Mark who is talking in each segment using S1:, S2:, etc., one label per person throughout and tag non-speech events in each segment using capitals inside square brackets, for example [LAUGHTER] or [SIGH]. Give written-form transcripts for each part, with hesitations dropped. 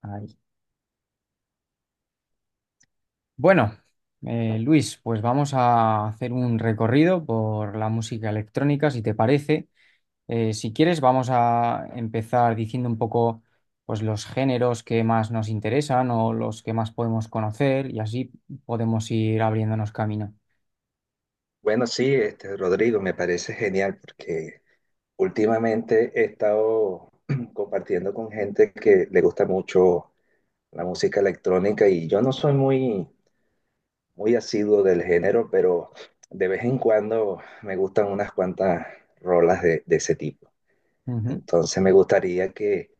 S1: Ahí. Bueno, Luis, pues vamos a hacer un recorrido por la música electrónica, si te parece. Si quieres, vamos a empezar diciendo un poco, pues, los géneros que más nos interesan o los que más podemos conocer y así podemos ir abriéndonos camino.
S2: Bueno, sí, este, Rodrigo, me parece genial porque últimamente he estado [CLEARS THROAT] compartiendo con gente que le gusta mucho la música electrónica y yo no soy muy, muy asiduo del género, pero de vez en cuando me gustan unas cuantas rolas de ese tipo.
S1: Ujú.
S2: Entonces me gustaría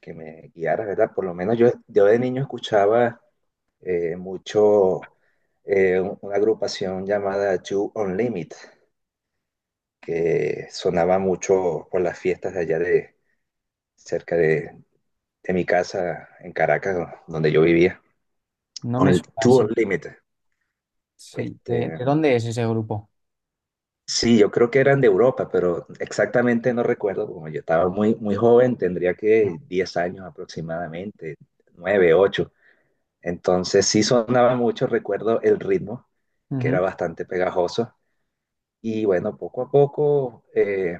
S2: que me guiaras, ¿verdad? Por lo menos yo de niño escuchaba mucho una agrupación llamada You Unlimited, que sonaba mucho por las fiestas de allá de cerca de mi casa en Caracas, donde yo vivía.
S1: No me
S2: On,
S1: suena,
S2: Two
S1: sé-
S2: Unlimited.
S1: Sí. ¿De,
S2: Este,
S1: de dónde es ese grupo?
S2: sí, yo creo que eran de Europa, pero exactamente no recuerdo, como yo estaba muy, muy joven, tendría que 10 años aproximadamente, 9, 8. Entonces sí sonaba mucho, recuerdo el ritmo, que
S1: Ujú.
S2: era bastante pegajoso. Y bueno, poco a poco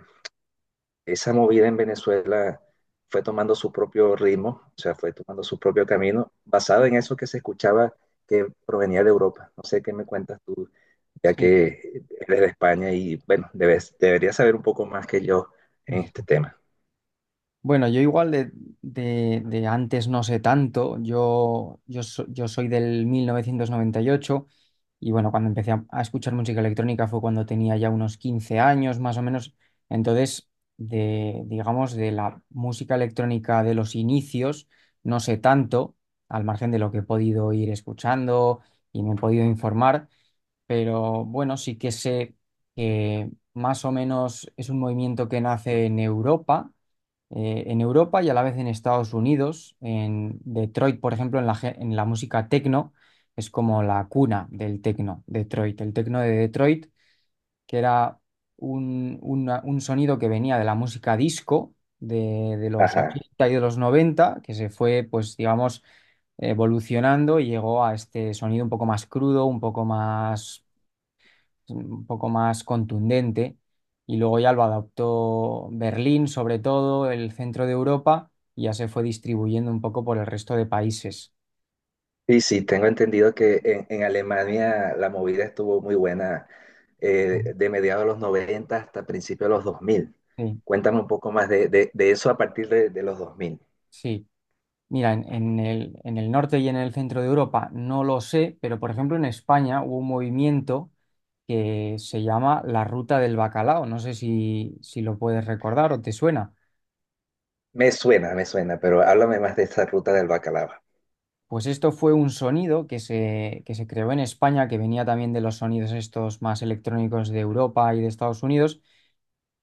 S2: esa movida en Venezuela fue tomando su propio ritmo, o sea, fue tomando su propio camino, basado en eso que se escuchaba que provenía de Europa. No sé qué me cuentas tú, ya
S1: Sí.
S2: que eres de España y, bueno, debes, deberías saber un poco más que yo en
S1: [LAUGHS]
S2: este tema.
S1: Bueno, yo igual de antes no sé tanto. Yo soy del 1998 y bueno, cuando empecé a escuchar música electrónica fue cuando tenía ya unos 15 años más o menos. Entonces, de, digamos, de la música electrónica de los inicios, no sé tanto, al margen de lo que he podido ir escuchando y me he podido informar, pero bueno, sí que sé que más o menos es un movimiento que nace en Europa y a la vez en Estados Unidos, en Detroit, por ejemplo, en en la música techno. Es como la cuna del techno, Detroit, el techno de Detroit, que era un sonido que venía de la música disco de los
S2: Ajá.
S1: 80 y de los noventa, que se fue, pues, digamos, evolucionando, y llegó a este sonido un poco más crudo, un poco un poco más contundente, y luego ya lo adaptó Berlín, sobre todo, el centro de Europa, y ya se fue distribuyendo un poco por el resto de países.
S2: Sí, sí, tengo entendido que en Alemania la movida estuvo muy buena
S1: Ujú.
S2: de mediados de los 90 hasta principios de los dos mil.
S1: Sí,
S2: Cuéntame un poco más de eso a partir de los dos mil.
S1: sí. Mira, en el norte y en el centro de Europa no lo sé, pero por ejemplo en España hubo un movimiento que se llama la Ruta del Bacalao. No sé si, si lo puedes recordar o te suena.
S2: Me suena, pero háblame más de esa ruta del bacalao.
S1: Pues esto fue un sonido que se creó en España, que venía también de los sonidos estos más electrónicos de Europa y de Estados Unidos,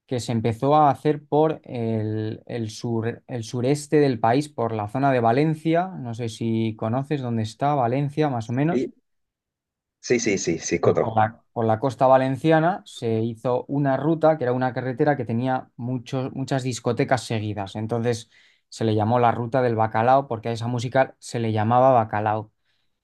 S1: que se empezó a hacer por el sur, el sureste del país, por la zona de Valencia, no sé si conoces dónde está Valencia, más o menos.
S2: Sí, sí, sí, sí, sí
S1: Pues por
S2: conozco.
S1: la costa valenciana se hizo una ruta, que era una carretera que tenía muchas discotecas seguidas. Entonces se le llamó la Ruta del Bacalao, porque a esa música se le llamaba bacalao.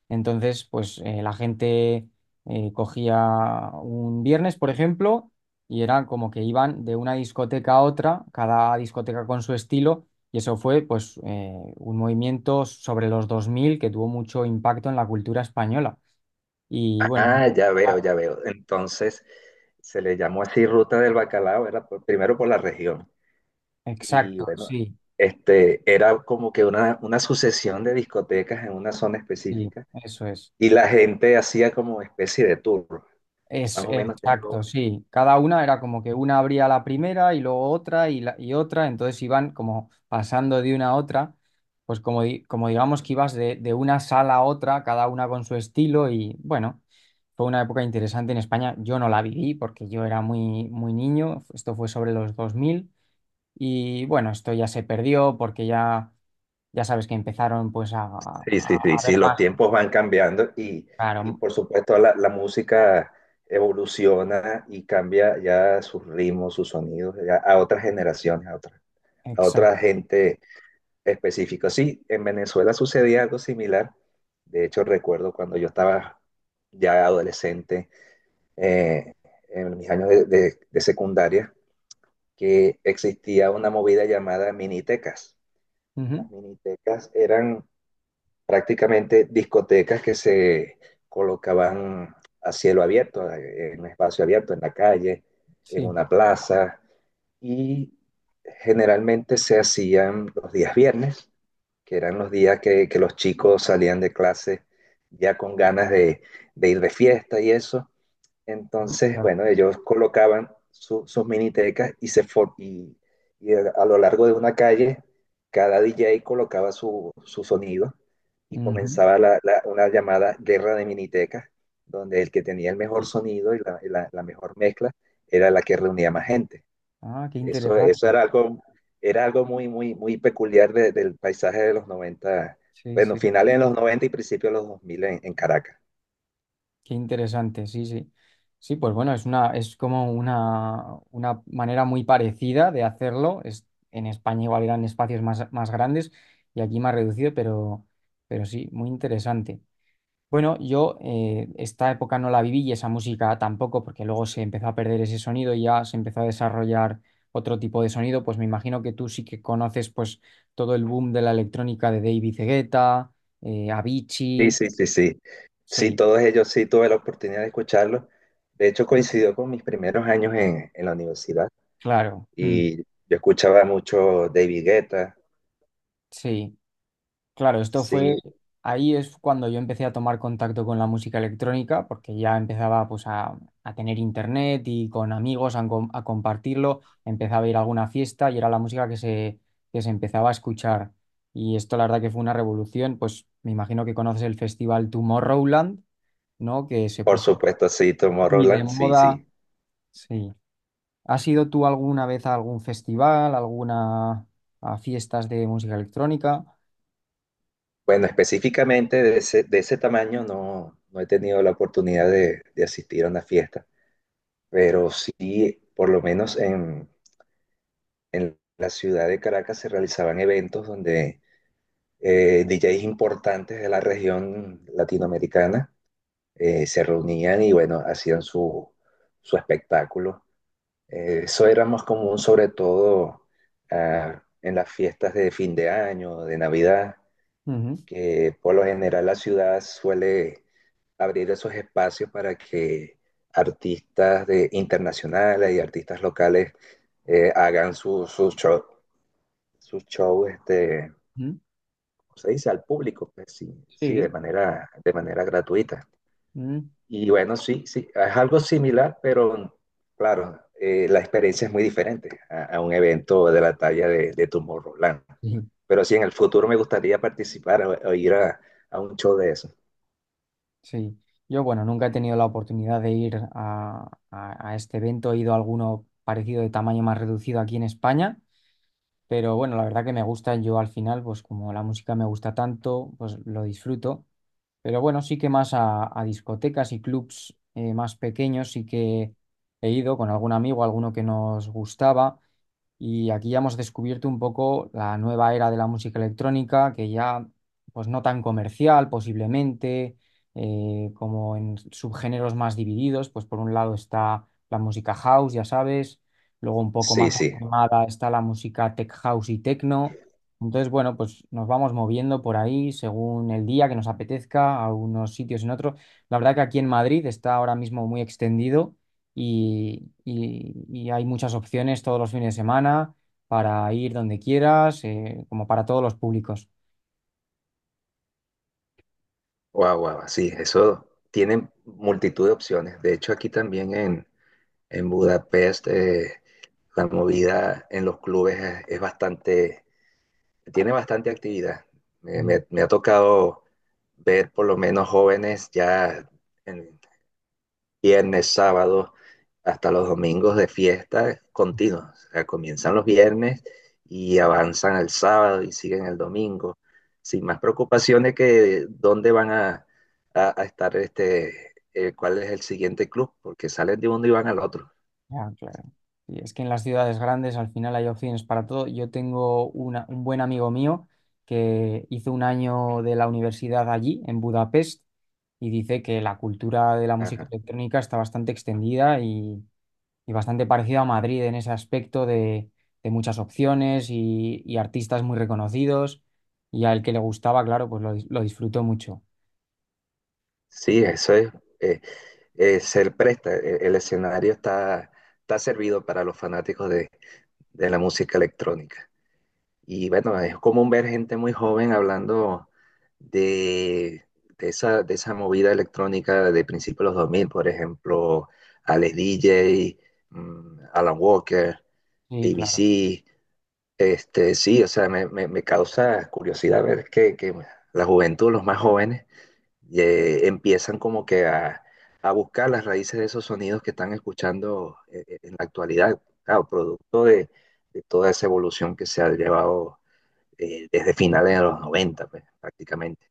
S1: Entonces, pues la gente cogía un viernes, por ejemplo, y eran como que iban de una discoteca a otra, cada discoteca con su estilo, y eso fue pues un movimiento sobre los 2000 que tuvo mucho impacto en la cultura española. Y bueno,
S2: Ah, ya veo, ya veo. Entonces, se le llamó así ruta del bacalao, era primero por la región. Y
S1: exacto,
S2: bueno,
S1: sí,
S2: este, era como que una sucesión de discotecas en una zona
S1: sí,
S2: específica
S1: eso es.
S2: y la gente hacía como especie de tour.
S1: Es,
S2: Más o menos tengo.
S1: exacto, sí. Cada una era como que una abría la primera y luego otra y otra, entonces iban como pasando de una a otra, pues como, como digamos que ibas de una sala a otra, cada una con su estilo y bueno, fue una época interesante en España. Yo no la viví porque yo era muy, muy niño. Esto fue sobre los 2000 y bueno, esto ya se perdió porque ya, ya sabes que empezaron pues
S2: Sí, sí, sí,
S1: a ver
S2: sí, los
S1: más,
S2: tiempos van cambiando y
S1: claro,
S2: por supuesto la música evoluciona y cambia ya sus ritmos, sus sonidos ya a otras generaciones, a
S1: exacto.
S2: otra gente específica. Sí, en Venezuela sucedía algo similar. De hecho, recuerdo cuando yo estaba ya adolescente, eh, en mis años de secundaria, que existía una movida llamada minitecas.
S1: Ujú.
S2: Las minitecas eran prácticamente discotecas que se colocaban a cielo abierto, en un espacio abierto, en la calle, en
S1: Sí.
S2: una plaza, y generalmente se hacían los días viernes, que eran los días que los chicos salían de clase ya con ganas de ir de fiesta y eso,
S1: Ujú,
S2: entonces,
S1: claro.
S2: bueno, ellos colocaban sus minitecas y, y a lo largo de una calle, cada DJ colocaba su sonido y
S1: Ujú.
S2: comenzaba una llamada guerra de minitecas, donde el que tenía el mejor sonido y la mejor mezcla era la que reunía más gente.
S1: Ah, qué interesante.
S2: Eso era algo muy, muy, muy peculiar del paisaje de los noventa,
S1: Sí,
S2: bueno,
S1: sí,
S2: finales de los 90 y principios de los 2000 en Caracas.
S1: qué interesante, sí, sí. Sí, pues bueno, es una, es como una manera muy parecida de hacerlo. Es, en España igual eran espacios más, más grandes y aquí más reducido, pero sí, muy interesante. Bueno, yo esta época no la viví y esa música tampoco, porque luego se empezó a perder ese sonido y ya se empezó a desarrollar otro tipo de sonido. Pues me imagino que tú sí que conoces pues todo el boom de la electrónica de David Guetta,
S2: Sí,
S1: Avicii.
S2: sí, sí, sí. Sí,
S1: Sí,
S2: todos ellos sí tuve la oportunidad de escucharlos. De hecho, coincidió con mis primeros años en la universidad
S1: claro. Mm,
S2: y yo escuchaba mucho David Guetta,
S1: sí, claro, esto fue,
S2: sí,
S1: ahí es cuando yo empecé a tomar contacto con la música electrónica, porque ya empezaba pues a tener internet y con amigos a compartirlo, empezaba a ir a alguna fiesta y era la música que se empezaba a escuchar. Y esto la verdad que fue una revolución, pues me imagino que conoces el festival Tomorrowland, ¿no? Que se
S2: por
S1: puso
S2: supuesto, sí,
S1: muy de
S2: Tomorrowland, sí,
S1: moda.
S2: sí.
S1: Sí. ¿Has ido tú alguna vez a algún festival, alguna a fiestas de música electrónica?
S2: Bueno, específicamente de ese tamaño no, no he tenido la oportunidad de asistir a una fiesta, pero sí, por lo menos en la ciudad de Caracas se realizaban eventos donde DJs importantes de la región latinoamericana se reunían y bueno, hacían su espectáculo. Eso era más común sobre todo ah, en las fiestas de fin de año, de Navidad,
S1: Ujú,
S2: que por lo general la ciudad suele abrir esos espacios para que artistas internacionales y artistas locales hagan sus su shows su show, este,
S1: ujú.
S2: ¿cómo se dice al público? Pues sí, sí,
S1: Sí,
S2: de manera gratuita.
S1: mm.
S2: Y bueno, sí, sí, es algo similar, pero claro, la experiencia es muy diferente a un evento de la talla de Tomorrowland.
S1: Ujú.
S2: Pero sí, en el futuro me gustaría participar o ir a un show de eso.
S1: Sí. Yo, bueno, nunca he tenido la oportunidad de ir a, a este evento. He ido a alguno parecido de tamaño más reducido aquí en España, pero bueno, la verdad que me gusta. Yo al final, pues como la música me gusta tanto, pues lo disfruto. Pero bueno, sí que más a discotecas y clubs más pequeños sí que he ido con algún amigo, alguno que nos gustaba. Y aquí ya hemos descubierto un poco la nueva era de la música electrónica, que ya, pues no tan comercial posiblemente, como en subgéneros más divididos. Pues por un lado está la música house, ya sabes, luego un poco
S2: Sí,
S1: más
S2: sí,
S1: animada está la música tech house y techno. Entonces, bueno, pues nos vamos moviendo por ahí según el día que nos apetezca, a unos sitios en otros. La verdad que aquí en Madrid está ahora mismo muy extendido y, y hay muchas opciones todos los fines de semana para ir donde quieras, como para todos los públicos.
S2: wow, wow, sí, eso tiene multitud de opciones. De hecho, aquí también en Budapest la movida en los clubes es bastante tiene bastante actividad.
S1: Mm.
S2: Me ha tocado ver por lo menos jóvenes ya en viernes, sábado, hasta los domingos de fiesta continuos. O sea, comienzan los viernes y avanzan al sábado y siguen el domingo, sin más preocupaciones que dónde van a estar, este, cuál es el siguiente club, porque salen de uno y van al otro.
S1: Ya, claro. Y es que en las ciudades grandes al final hay opciones para todo. Yo tengo un buen amigo mío que hizo un año de la universidad allí, en Budapest, y dice que la cultura de la música
S2: Ajá.
S1: electrónica está bastante extendida y bastante parecido a Madrid en ese aspecto de muchas opciones y artistas muy reconocidos. Y al que le gustaba, claro, pues lo, lo disfrutó mucho.
S2: Sí, eso es, se presta, el escenario está servido para los fanáticos de la música electrónica. Y bueno, es común ver gente muy joven hablando de, de esa movida electrónica de principios de los dos mil, por ejemplo, Alex DJ, Alan Walker,
S1: Sí, claro,
S2: ABC. Este, sí, o sea, me causa curiosidad ver que la juventud, los más jóvenes, y, empiezan como que a buscar las raíces de esos sonidos que están escuchando en la actualidad, claro, producto de toda esa evolución que se ha llevado desde finales de los 90, pues, prácticamente.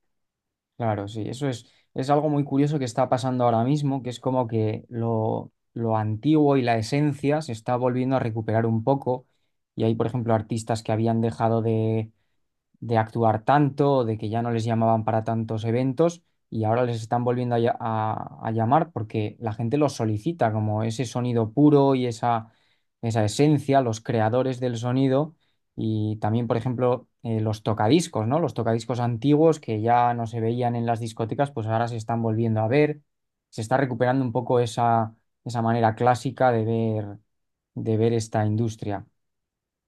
S1: claro, sí. Eso es algo muy curioso que está pasando ahora mismo, que es como que lo antiguo y la esencia se está volviendo a recuperar un poco. Y hay, por ejemplo, artistas que habían dejado de actuar tanto, de que ya no les llamaban para tantos eventos, y ahora les están volviendo a, a llamar porque la gente los solicita, como ese sonido puro y esa esencia, los creadores del sonido. Y también, por ejemplo, los tocadiscos, ¿no? Los tocadiscos antiguos que ya no se veían en las discotecas, pues ahora se están volviendo a ver, se está recuperando un poco esa, esa manera clásica de ver esta industria.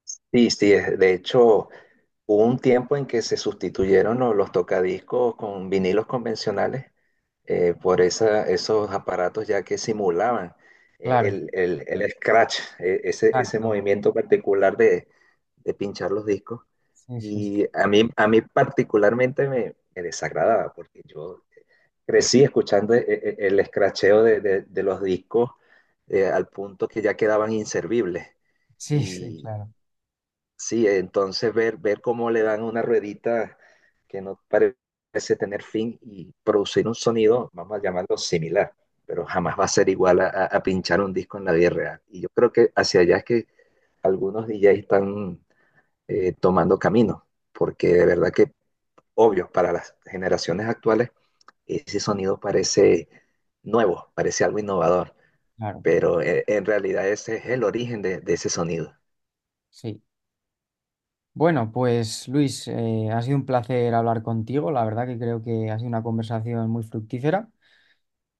S2: Sí, sí, de hecho, hubo un tiempo en que se sustituyeron tocadiscos con vinilos convencionales por esos aparatos ya que simulaban
S1: Claro,
S2: el scratch, ese
S1: exacto.
S2: movimiento particular de pinchar los discos.
S1: Sí, sí,
S2: Y a mí particularmente me desagradaba porque yo crecí escuchando escracheo de los discos al punto que ya quedaban inservibles.
S1: sí, sí, claro.
S2: Sí, entonces ver cómo le dan una ruedita que no parece tener fin y producir un sonido, vamos a llamarlo similar, pero jamás va a ser igual a pinchar un disco en la vida real. Y yo creo que hacia allá es que algunos DJs están tomando camino, porque de verdad que, obvio, para las generaciones actuales, ese sonido parece nuevo, parece algo innovador,
S1: Claro,
S2: pero en realidad ese es el origen de ese sonido.
S1: sí. Bueno, pues Luis, ha sido un placer hablar contigo. La verdad que creo que ha sido una conversación muy fructífera,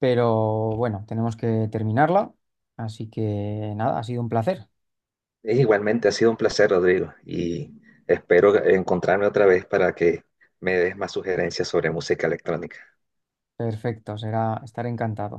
S1: pero bueno, tenemos que terminarla. Así que nada, ha sido un placer.
S2: Es igualmente, ha sido un placer, Rodrigo, y espero encontrarme otra vez para que me des más sugerencias sobre música electrónica.
S1: Perfecto, será estar encantado.